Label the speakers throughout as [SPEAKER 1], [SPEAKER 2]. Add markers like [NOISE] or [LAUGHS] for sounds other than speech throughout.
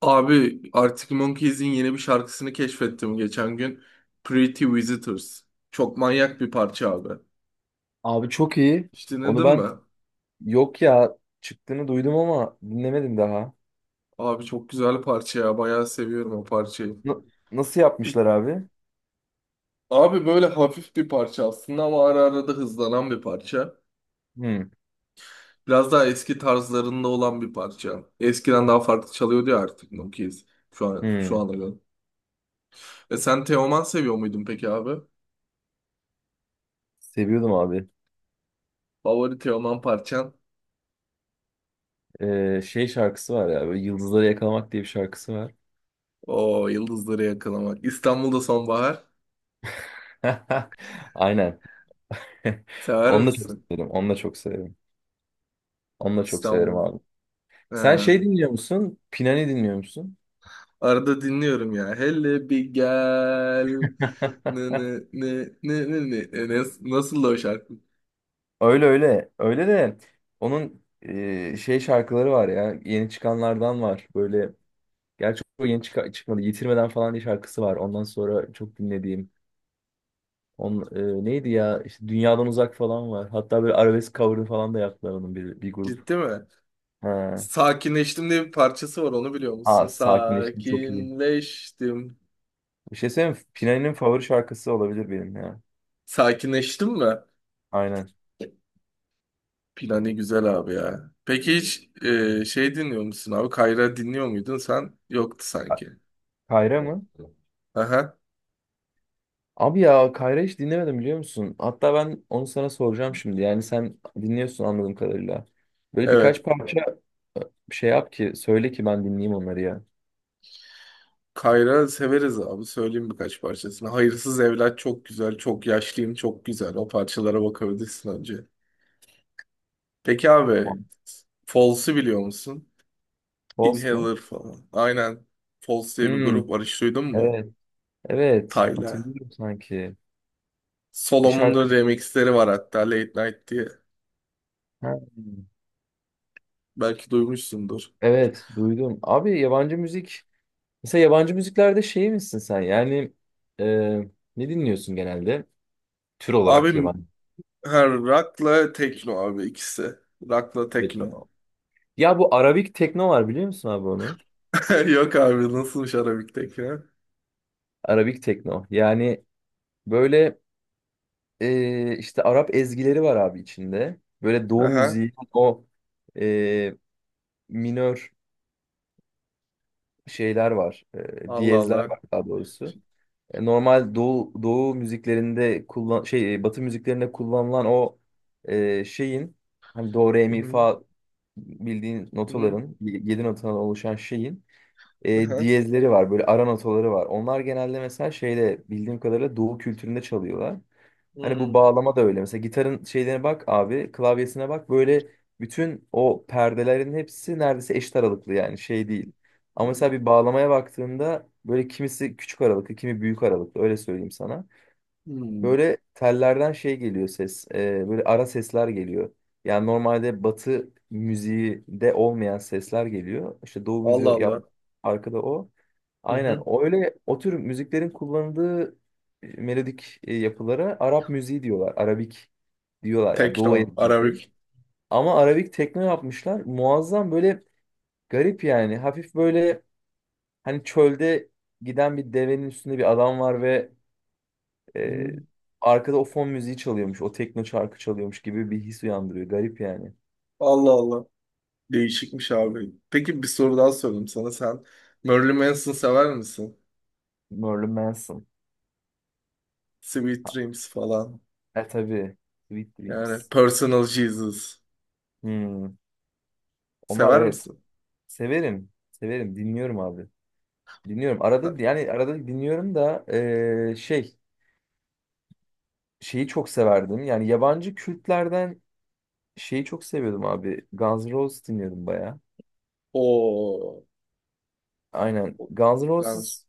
[SPEAKER 1] Abi Arctic Monkeys'in yeni bir şarkısını keşfettim geçen gün. Pretty Visitors. Çok manyak bir parça abi.
[SPEAKER 2] Abi çok iyi.
[SPEAKER 1] Hiç
[SPEAKER 2] Onu
[SPEAKER 1] dinledin
[SPEAKER 2] ben
[SPEAKER 1] mi?
[SPEAKER 2] yok ya çıktığını duydum ama dinlemedim daha.
[SPEAKER 1] Abi çok güzel parça ya. Bayağı seviyorum o parçayı.
[SPEAKER 2] Na- nasıl yapmışlar abi?
[SPEAKER 1] Abi böyle hafif bir parça aslında ama ara ara da hızlanan bir parça.
[SPEAKER 2] Hmm,
[SPEAKER 1] Biraz daha eski tarzlarında olan bir parça. Eskiden daha farklı çalıyordu ya Arctic Monkeys. Şu an, şu
[SPEAKER 2] hmm.
[SPEAKER 1] ana göre. E sen Teoman seviyor muydun peki abi?
[SPEAKER 2] Seviyordum abi.
[SPEAKER 1] Favori Teoman parçan?
[SPEAKER 2] Şey şarkısı var ya. Böyle Yıldızları Yakalamak diye bir şarkısı var.
[SPEAKER 1] O yıldızları yakalamak. İstanbul'da sonbahar.
[SPEAKER 2] [LAUGHS] Aynen. [LAUGHS]
[SPEAKER 1] Sever
[SPEAKER 2] Onu da çok
[SPEAKER 1] misin?
[SPEAKER 2] severim. Onu da çok severim. Onu da çok severim
[SPEAKER 1] İstanbul.
[SPEAKER 2] abi. Sen
[SPEAKER 1] Ha.
[SPEAKER 2] şey dinliyor musun? Pinani dinliyor musun?
[SPEAKER 1] Arada dinliyorum ya. Hele bir gel.
[SPEAKER 2] [LAUGHS]
[SPEAKER 1] Ne ne ne ne ne ne. Nasıl da o şarkı?
[SPEAKER 2] Öyle öyle. Öyle de onun şey şarkıları var ya. Yeni çıkanlardan var. Böyle. Gerçi o yeni çıkmadı. Yitirmeden falan diye şarkısı var. Ondan sonra çok dinlediğim. On, Neydi ya? İşte Dünyadan Uzak falan var. Hatta böyle arabesk cover'ı falan da yaptılar onun bir grup.
[SPEAKER 1] Ciddi mi?
[SPEAKER 2] Ha.
[SPEAKER 1] Sakinleştim diye bir parçası var, onu biliyor musun?
[SPEAKER 2] Aa, sakinleştim çok iyi.
[SPEAKER 1] Sakinleştim.
[SPEAKER 2] Bir şey söyleyeyim mi? Pinay'ın favori şarkısı olabilir benim ya.
[SPEAKER 1] Sakinleştim mi?
[SPEAKER 2] Aynen.
[SPEAKER 1] Plani güzel abi ya. Peki hiç şey dinliyor musun abi? Kayra dinliyor muydun sen? Yoktu
[SPEAKER 2] Ka-
[SPEAKER 1] sanki.
[SPEAKER 2] Kayra mı?
[SPEAKER 1] Aha,
[SPEAKER 2] Abi ya Kayra hiç dinlemedim biliyor musun? Hatta ben onu sana soracağım şimdi. Yani sen dinliyorsun anladığım kadarıyla. Böyle
[SPEAKER 1] evet.
[SPEAKER 2] birkaç parça e, şey yap ki söyle ki ben dinleyeyim onları ya.
[SPEAKER 1] Kayra severiz abi. Söyleyeyim birkaç parçasını. Hayırsız Evlat çok güzel. Çok yaşlıyım çok güzel. O parçalara bakabilirsin önce. Peki abi, Falls'u biliyor musun?
[SPEAKER 2] Boss mu?
[SPEAKER 1] Inhaler falan. Aynen. Falls diye bir
[SPEAKER 2] Hmm.
[SPEAKER 1] grup var. Hiç duydun mu?
[SPEAKER 2] Evet, evet.
[SPEAKER 1] Tayla.
[SPEAKER 2] Hatırlıyorum sanki. Bir
[SPEAKER 1] Solomon'un da
[SPEAKER 2] şarkı.
[SPEAKER 1] remixleri var hatta, Late Night diye.
[SPEAKER 2] Ha,
[SPEAKER 1] Belki duymuşsundur.
[SPEAKER 2] evet, duydum. Abi yabancı müzik. Mesela yabancı müziklerde şey misin sen? Yani e, ne dinliyorsun genelde? Tür
[SPEAKER 1] Abi
[SPEAKER 2] olarak yabancı.
[SPEAKER 1] her rock'la tekno abi, ikisi. Rock'la tekno.
[SPEAKER 2] Tekno. Ya bu Arabik tekno var biliyor musun abi onu?
[SPEAKER 1] [LAUGHS] Yok abi, nasılmış Arabik'teki? Ha?
[SPEAKER 2] Arabik tekno. Yani böyle işte Arap ezgileri var abi içinde. Böyle Doğu
[SPEAKER 1] Aha.
[SPEAKER 2] müziği o e, minör şeyler var.
[SPEAKER 1] Allah
[SPEAKER 2] Diyezler
[SPEAKER 1] Allah.
[SPEAKER 2] var daha doğrusu. Normal doğu müziklerinde şey batı müziklerinde kullanılan o şeyin hani do re
[SPEAKER 1] Hı
[SPEAKER 2] mi
[SPEAKER 1] hı.
[SPEAKER 2] fa bildiğin
[SPEAKER 1] Hı hı.
[SPEAKER 2] notaların yedi notadan oluşan şeyin
[SPEAKER 1] Aha.
[SPEAKER 2] diyezleri var böyle ara notaları var. Onlar genelde mesela şeyde bildiğim kadarıyla doğu kültüründe çalıyorlar. Hani bu
[SPEAKER 1] Hı.
[SPEAKER 2] bağlama da öyle. Mesela gitarın şeylerine bak abi, klavyesine bak. Böyle bütün o perdelerin hepsi neredeyse eşit aralıklı yani şey değil. Ama mesela bir bağlamaya baktığında böyle kimisi küçük aralıklı, kimi büyük aralıklı öyle söyleyeyim sana.
[SPEAKER 1] Hı.
[SPEAKER 2] Böyle tellerden şey geliyor ses, böyle ara sesler geliyor. Yani normalde batı müziği de olmayan sesler geliyor. İşte doğu müziği
[SPEAKER 1] Allah Allah.
[SPEAKER 2] yap, arkada o.
[SPEAKER 1] Hı
[SPEAKER 2] Aynen.
[SPEAKER 1] hı.
[SPEAKER 2] O öyle o tür müziklerin kullanıldığı melodik yapılara Arap müziği diyorlar. Arabik diyorlar yani Doğu
[SPEAKER 1] Tekno,
[SPEAKER 2] etkileri.
[SPEAKER 1] Arabik.
[SPEAKER 2] Ama Arabik tekno yapmışlar. Muazzam böyle garip yani. Hafif böyle hani çölde giden bir devenin üstünde bir adam var ve
[SPEAKER 1] Hı
[SPEAKER 2] e,
[SPEAKER 1] hı.
[SPEAKER 2] arkada o fon müziği çalıyormuş. O tekno şarkı çalıyormuş gibi bir his uyandırıyor. Garip yani.
[SPEAKER 1] Allah Allah. Değişikmiş abi. Peki bir soru daha sorayım sana. Sen Marilyn Manson sever misin?
[SPEAKER 2] Marilyn Manson.
[SPEAKER 1] Sweet Dreams falan.
[SPEAKER 2] E tabii. Sweet Dreams.
[SPEAKER 1] Yani Personal Jesus.
[SPEAKER 2] Hmm. Onlar
[SPEAKER 1] Sever
[SPEAKER 2] evet.
[SPEAKER 1] misin?
[SPEAKER 2] Severim. Severim. Dinliyorum abi. Dinliyorum. Arada yani arada dinliyorum da şey şeyi çok severdim. Yani yabancı kültlerden şeyi çok seviyordum abi. Guns N' Roses dinliyordum baya.
[SPEAKER 1] O.
[SPEAKER 2] Aynen. Guns N'
[SPEAKER 1] Yanlış.
[SPEAKER 2] Roses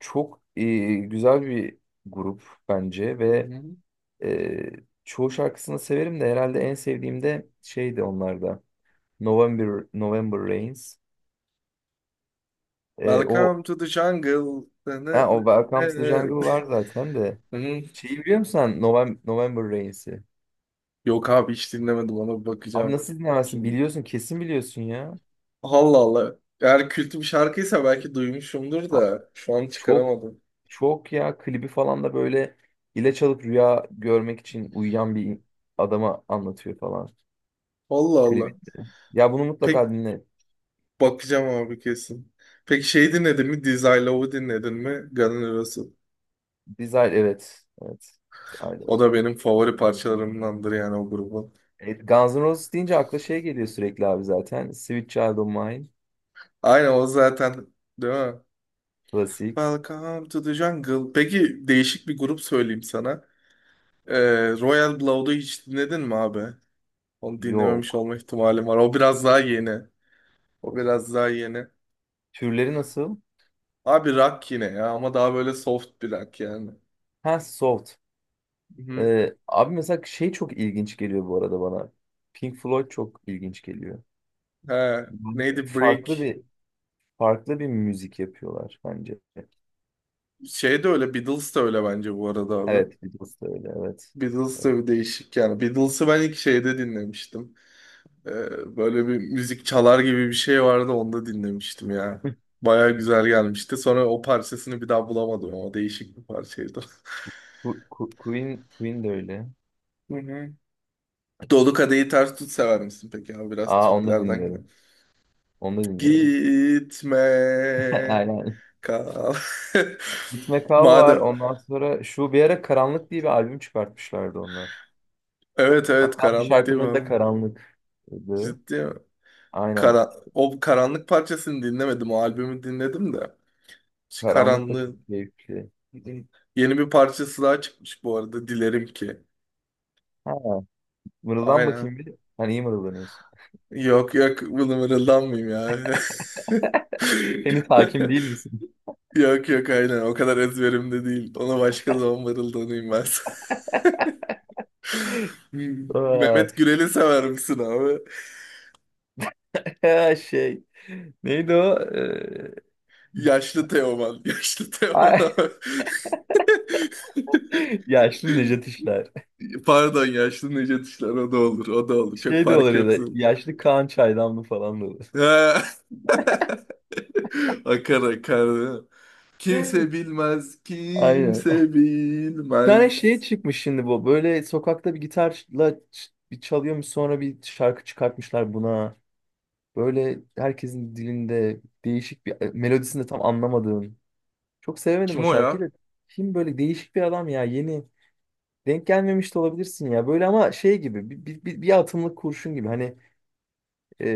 [SPEAKER 2] çok güzel bir grup bence
[SPEAKER 1] Hı
[SPEAKER 2] ve
[SPEAKER 1] hı.
[SPEAKER 2] eee, çoğu şarkısını severim de herhalde en sevdiğim de şeydi onlarda. November Rains. O
[SPEAKER 1] Welcome to the jungle. Ne ne
[SPEAKER 2] ha, o
[SPEAKER 1] ne.
[SPEAKER 2] Welcome to the Jungle
[SPEAKER 1] ne-
[SPEAKER 2] var zaten de.
[SPEAKER 1] ne- [LAUGHS]
[SPEAKER 2] Şeyi biliyor musun sen? November Rains'i.
[SPEAKER 1] Yok abi, hiç dinlemedim, ona bir
[SPEAKER 2] Abi
[SPEAKER 1] bakacağım.
[SPEAKER 2] nasıl dinlemezsin?
[SPEAKER 1] Şimdi
[SPEAKER 2] Biliyorsun kesin biliyorsun ya.
[SPEAKER 1] Allah Allah. Eğer kült bir şarkıysa belki duymuşumdur
[SPEAKER 2] A-
[SPEAKER 1] da şu an
[SPEAKER 2] Çok
[SPEAKER 1] çıkaramadım.
[SPEAKER 2] çok ya klibi falan da böyle ilaç alıp rüya görmek için uyuyan bir adama anlatıyor falan
[SPEAKER 1] Allah
[SPEAKER 2] klibi.
[SPEAKER 1] Allah.
[SPEAKER 2] Ya bunu
[SPEAKER 1] Pek
[SPEAKER 2] mutlaka dinle.
[SPEAKER 1] bakacağım abi kesin. Peki şey dinledin mi? Dizzy Love'u dinledin mi? Guns N' Roses.
[SPEAKER 2] Desire evet. Evet.
[SPEAKER 1] O
[SPEAKER 2] Desire.
[SPEAKER 1] da benim favori parçalarımdandır yani, o grubun.
[SPEAKER 2] Evet, Guns N' Roses deyince akla şey geliyor sürekli abi zaten. Sweet Child O' Mine.
[SPEAKER 1] Aynen o zaten, değil mi?
[SPEAKER 2] Klasik.
[SPEAKER 1] Welcome to the Jungle. Peki değişik bir grup söyleyeyim sana. Ee, Royal Blood'u hiç dinledin mi abi? Onu dinlememiş
[SPEAKER 2] Yok.
[SPEAKER 1] olma ihtimalim var. O biraz daha yeni. O biraz daha yeni.
[SPEAKER 2] Türleri nasıl?
[SPEAKER 1] Abi rock yine ya, ama daha böyle soft bir rock yani.
[SPEAKER 2] Ha, soft.
[SPEAKER 1] Hı.
[SPEAKER 2] Abi mesela şey çok ilginç geliyor bu arada bana. Pink Floyd çok ilginç geliyor.
[SPEAKER 1] He,
[SPEAKER 2] Yani
[SPEAKER 1] neydi
[SPEAKER 2] farklı
[SPEAKER 1] Break?
[SPEAKER 2] bir farklı bir müzik yapıyorlar bence.
[SPEAKER 1] Şey de öyle, Beatles de öyle bence bu arada abi.
[SPEAKER 2] Evet, Beatles da öyle, evet.
[SPEAKER 1] Beatles de bir değişik yani. Beatles'ı ben ilk şeyde dinlemiştim. Böyle bir müzik çalar gibi bir şey vardı, onda dinlemiştim ya. Baya güzel gelmişti. Sonra o parçasını bir daha bulamadım, ama değişik bir parçaydı.
[SPEAKER 2] Queen de öyle.
[SPEAKER 1] Hı hı. [LAUGHS] Dolu Kadehi Ters Tut sever misin peki abi? Biraz
[SPEAKER 2] Aa, onu da
[SPEAKER 1] Türklerden
[SPEAKER 2] dinliyorum.
[SPEAKER 1] gidelim.
[SPEAKER 2] Onu da dinliyorum. [LAUGHS]
[SPEAKER 1] Gitme.
[SPEAKER 2] Aynen.
[SPEAKER 1] Ka-
[SPEAKER 2] Git
[SPEAKER 1] [LAUGHS]
[SPEAKER 2] Kal var.
[SPEAKER 1] Madem
[SPEAKER 2] Ondan sonra şu bir ara Karanlık diye bir albüm çıkartmışlardı onlar.
[SPEAKER 1] evet, evet,
[SPEAKER 2] Hatta bir
[SPEAKER 1] karanlık diye
[SPEAKER 2] şarkının
[SPEAKER 1] bir
[SPEAKER 2] adı da
[SPEAKER 1] albüm.
[SPEAKER 2] Karanlık'tı.
[SPEAKER 1] Ciddi mi?
[SPEAKER 2] Aynen.
[SPEAKER 1] Kara, o karanlık parçasını dinlemedim. O albümü dinledim de. Şu
[SPEAKER 2] Karanlık da çok
[SPEAKER 1] karanlığın
[SPEAKER 2] keyifli.
[SPEAKER 1] yeni bir parçası daha çıkmış bu arada. Dilerim ki.
[SPEAKER 2] Ha, mırıldan
[SPEAKER 1] Aynen.
[SPEAKER 2] bakayım bir. Hani iyi mırıldanıyorsun.
[SPEAKER 1] Yok, yok, bunu mırıldanmayayım ya.
[SPEAKER 2] [LAUGHS] Henüz hakim değil misin?
[SPEAKER 1] [LAUGHS] Yok, yok, aynen, o kadar ezberimde değil. Ona başka zaman mırıldanayım ben. [LAUGHS] Mehmet
[SPEAKER 2] Vay.
[SPEAKER 1] Gürel'i sever misin abi?
[SPEAKER 2] [LAUGHS] Şey. Neydi o?
[SPEAKER 1] Yaşlı Teoman. [LAUGHS] Yaşlı Teoman
[SPEAKER 2] Ay,
[SPEAKER 1] abi.
[SPEAKER 2] [LAUGHS] yaşlı Nejat İşler.
[SPEAKER 1] [LAUGHS] Pardon, yaşlı Necdet İşler, o da olur, o da olur, çok
[SPEAKER 2] Şey de
[SPEAKER 1] fark
[SPEAKER 2] olur ya da
[SPEAKER 1] yoksun.
[SPEAKER 2] yaşlı Kaan Çaydanlı falan da olur.
[SPEAKER 1] Ha. [LAUGHS] Akar akar. Kimse
[SPEAKER 2] [LAUGHS]
[SPEAKER 1] bilmez,
[SPEAKER 2] Aynen.
[SPEAKER 1] kimse
[SPEAKER 2] Bir tane
[SPEAKER 1] bilmez.
[SPEAKER 2] şey çıkmış şimdi bu. Böyle sokakta bir gitarla bir çalıyormuş sonra bir şarkı çıkartmışlar buna. Böyle herkesin dilinde değişik bir melodisini de tam anlamadığım. Çok sevemedim o
[SPEAKER 1] Kim o
[SPEAKER 2] şarkıyı
[SPEAKER 1] ya?
[SPEAKER 2] da. Kim böyle değişik bir adam ya yeni. Denk gelmemiş de olabilirsin ya. Böyle ama şey gibi bir atımlık kurşun gibi. Hani e,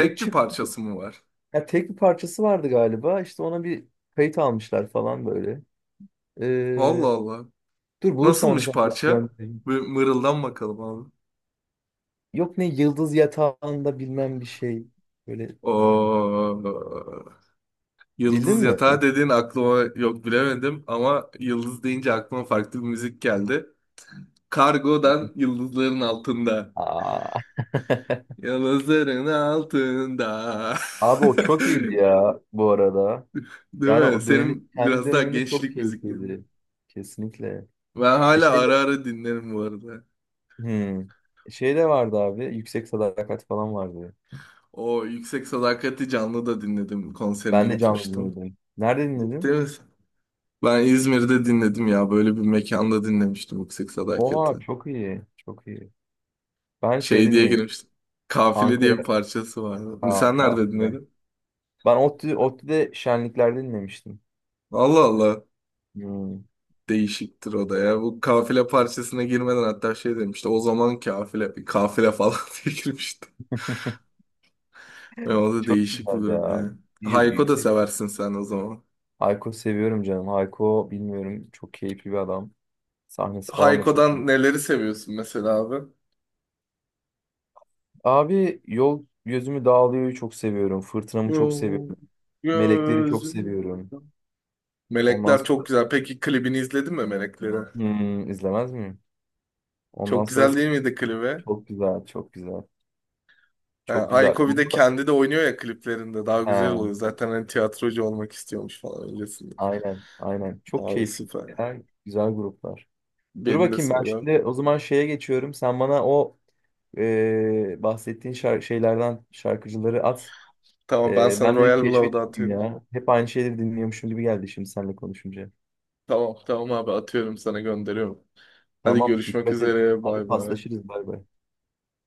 [SPEAKER 2] böyle
[SPEAKER 1] bir
[SPEAKER 2] çık
[SPEAKER 1] parçası mı var?
[SPEAKER 2] ya tek bir parçası vardı galiba. İşte ona bir kayıt almışlar falan böyle.
[SPEAKER 1] Allah
[SPEAKER 2] Ee,
[SPEAKER 1] Allah.
[SPEAKER 2] dur bulursam onu
[SPEAKER 1] Nasılmış
[SPEAKER 2] sana
[SPEAKER 1] parça?
[SPEAKER 2] göndereyim.
[SPEAKER 1] Bir mırıldan bakalım abi.
[SPEAKER 2] Yok ne yıldız yatağında bilmem bir şey. Böyle
[SPEAKER 1] Oo.
[SPEAKER 2] bildin
[SPEAKER 1] Yıldız
[SPEAKER 2] mi?
[SPEAKER 1] Yatağı dediğin aklıma yok, bilemedim, ama yıldız deyince aklıma farklı bir müzik geldi. Kargodan Yıldızların Altında.
[SPEAKER 2] Aa. [LAUGHS]
[SPEAKER 1] Yıldızların altında.
[SPEAKER 2] Abi o çok iyiydi
[SPEAKER 1] [LAUGHS]
[SPEAKER 2] ya bu arada.
[SPEAKER 1] Değil
[SPEAKER 2] Yani
[SPEAKER 1] mi?
[SPEAKER 2] o dönemi
[SPEAKER 1] Senin
[SPEAKER 2] kendi
[SPEAKER 1] biraz daha
[SPEAKER 2] döneminde çok
[SPEAKER 1] gençlik müziklerin.
[SPEAKER 2] keyifliydi. Kesinlikle.
[SPEAKER 1] Ben hala
[SPEAKER 2] Şey de,
[SPEAKER 1] ara ara dinlerim bu arada.
[SPEAKER 2] hmm. Şey de vardı abi. Yüksek Sadakat falan vardı.
[SPEAKER 1] O Yüksek Sadakati canlı da dinledim. Konserine
[SPEAKER 2] Ben de canlı
[SPEAKER 1] gitmiştim.
[SPEAKER 2] dinledim. Nerede
[SPEAKER 1] Ciddi
[SPEAKER 2] dinledin?
[SPEAKER 1] misin? Ben İzmir'de dinledim ya. Böyle bir mekanda dinlemiştim Yüksek Sadakati.
[SPEAKER 2] Oha çok iyi. Çok iyi. Ben şeyde
[SPEAKER 1] Şey diye
[SPEAKER 2] dinledim.
[SPEAKER 1] girmiştim. Kafile diye bir
[SPEAKER 2] Ankara.
[SPEAKER 1] parçası vardı.
[SPEAKER 2] Aa,
[SPEAKER 1] Sen nerede
[SPEAKER 2] kahve.
[SPEAKER 1] dinledin?
[SPEAKER 2] Ben ODTÜ'de şenliklerde dinlemiştim.
[SPEAKER 1] Allah Allah.
[SPEAKER 2] Hmm,
[SPEAKER 1] Değişiktir o da ya. Bu kafile parçasına girmeden hatta şey demişti. O zaman kafile, bir kafile falan [LAUGHS] diye girmişti. Ve o da
[SPEAKER 2] çok
[SPEAKER 1] değişik bir
[SPEAKER 2] güzel
[SPEAKER 1] grup
[SPEAKER 2] ya.
[SPEAKER 1] yani.
[SPEAKER 2] Y-
[SPEAKER 1] Hayko da
[SPEAKER 2] yüksek.
[SPEAKER 1] seversin sen o zaman.
[SPEAKER 2] Hayko seviyorum canım. Hayko bilmiyorum. Çok keyifli bir adam. Sahnesi falan da çok iyi.
[SPEAKER 1] Hayko'dan neleri seviyorsun mesela abi?
[SPEAKER 2] Abi Yol Gözümü Dağılıyor'yu çok seviyorum. Fırtınamı çok
[SPEAKER 1] Yo,
[SPEAKER 2] seviyorum. Melekleri çok
[SPEAKER 1] gözüm.
[SPEAKER 2] seviyorum. Ondan
[SPEAKER 1] Melekler çok
[SPEAKER 2] sonra.
[SPEAKER 1] güzel. Peki klibini izledin mi Melekleri?
[SPEAKER 2] Hmm, izlemez miyim? Ondan
[SPEAKER 1] Çok
[SPEAKER 2] sonra
[SPEAKER 1] güzel değil miydi klibi?
[SPEAKER 2] çok güzel, çok güzel.
[SPEAKER 1] Ha,
[SPEAKER 2] Çok güzel.
[SPEAKER 1] Ayko bir de kendi de oynuyor ya kliplerinde. Daha güzel oluyor.
[SPEAKER 2] He,
[SPEAKER 1] Zaten hani tiyatrocu olmak istiyormuş falan öncesinde.
[SPEAKER 2] aynen, aynen. Çok
[SPEAKER 1] Abi
[SPEAKER 2] keyifli.
[SPEAKER 1] süper.
[SPEAKER 2] Ya, güzel gruplar. Dur
[SPEAKER 1] Beni de
[SPEAKER 2] bakayım ben şimdi
[SPEAKER 1] seviyor.
[SPEAKER 2] o zaman şeye geçiyorum. Sen bana o bahsettiğin şeylerden şarkıcıları at.
[SPEAKER 1] Tamam, ben sana
[SPEAKER 2] Ben de bir
[SPEAKER 1] Royal
[SPEAKER 2] keşfe
[SPEAKER 1] Blood'u
[SPEAKER 2] çıkayım
[SPEAKER 1] atıyorum.
[SPEAKER 2] ya. Hep aynı şeyleri dinliyormuşum gibi geldi şimdi seninle konuşunca.
[SPEAKER 1] Tamam, tamam abi, atıyorum, sana gönderiyorum. Hadi
[SPEAKER 2] Tamam,
[SPEAKER 1] görüşmek
[SPEAKER 2] dikkat et.
[SPEAKER 1] üzere.
[SPEAKER 2] Hadi
[SPEAKER 1] Bay bay.
[SPEAKER 2] paslaşırız. Bay bay.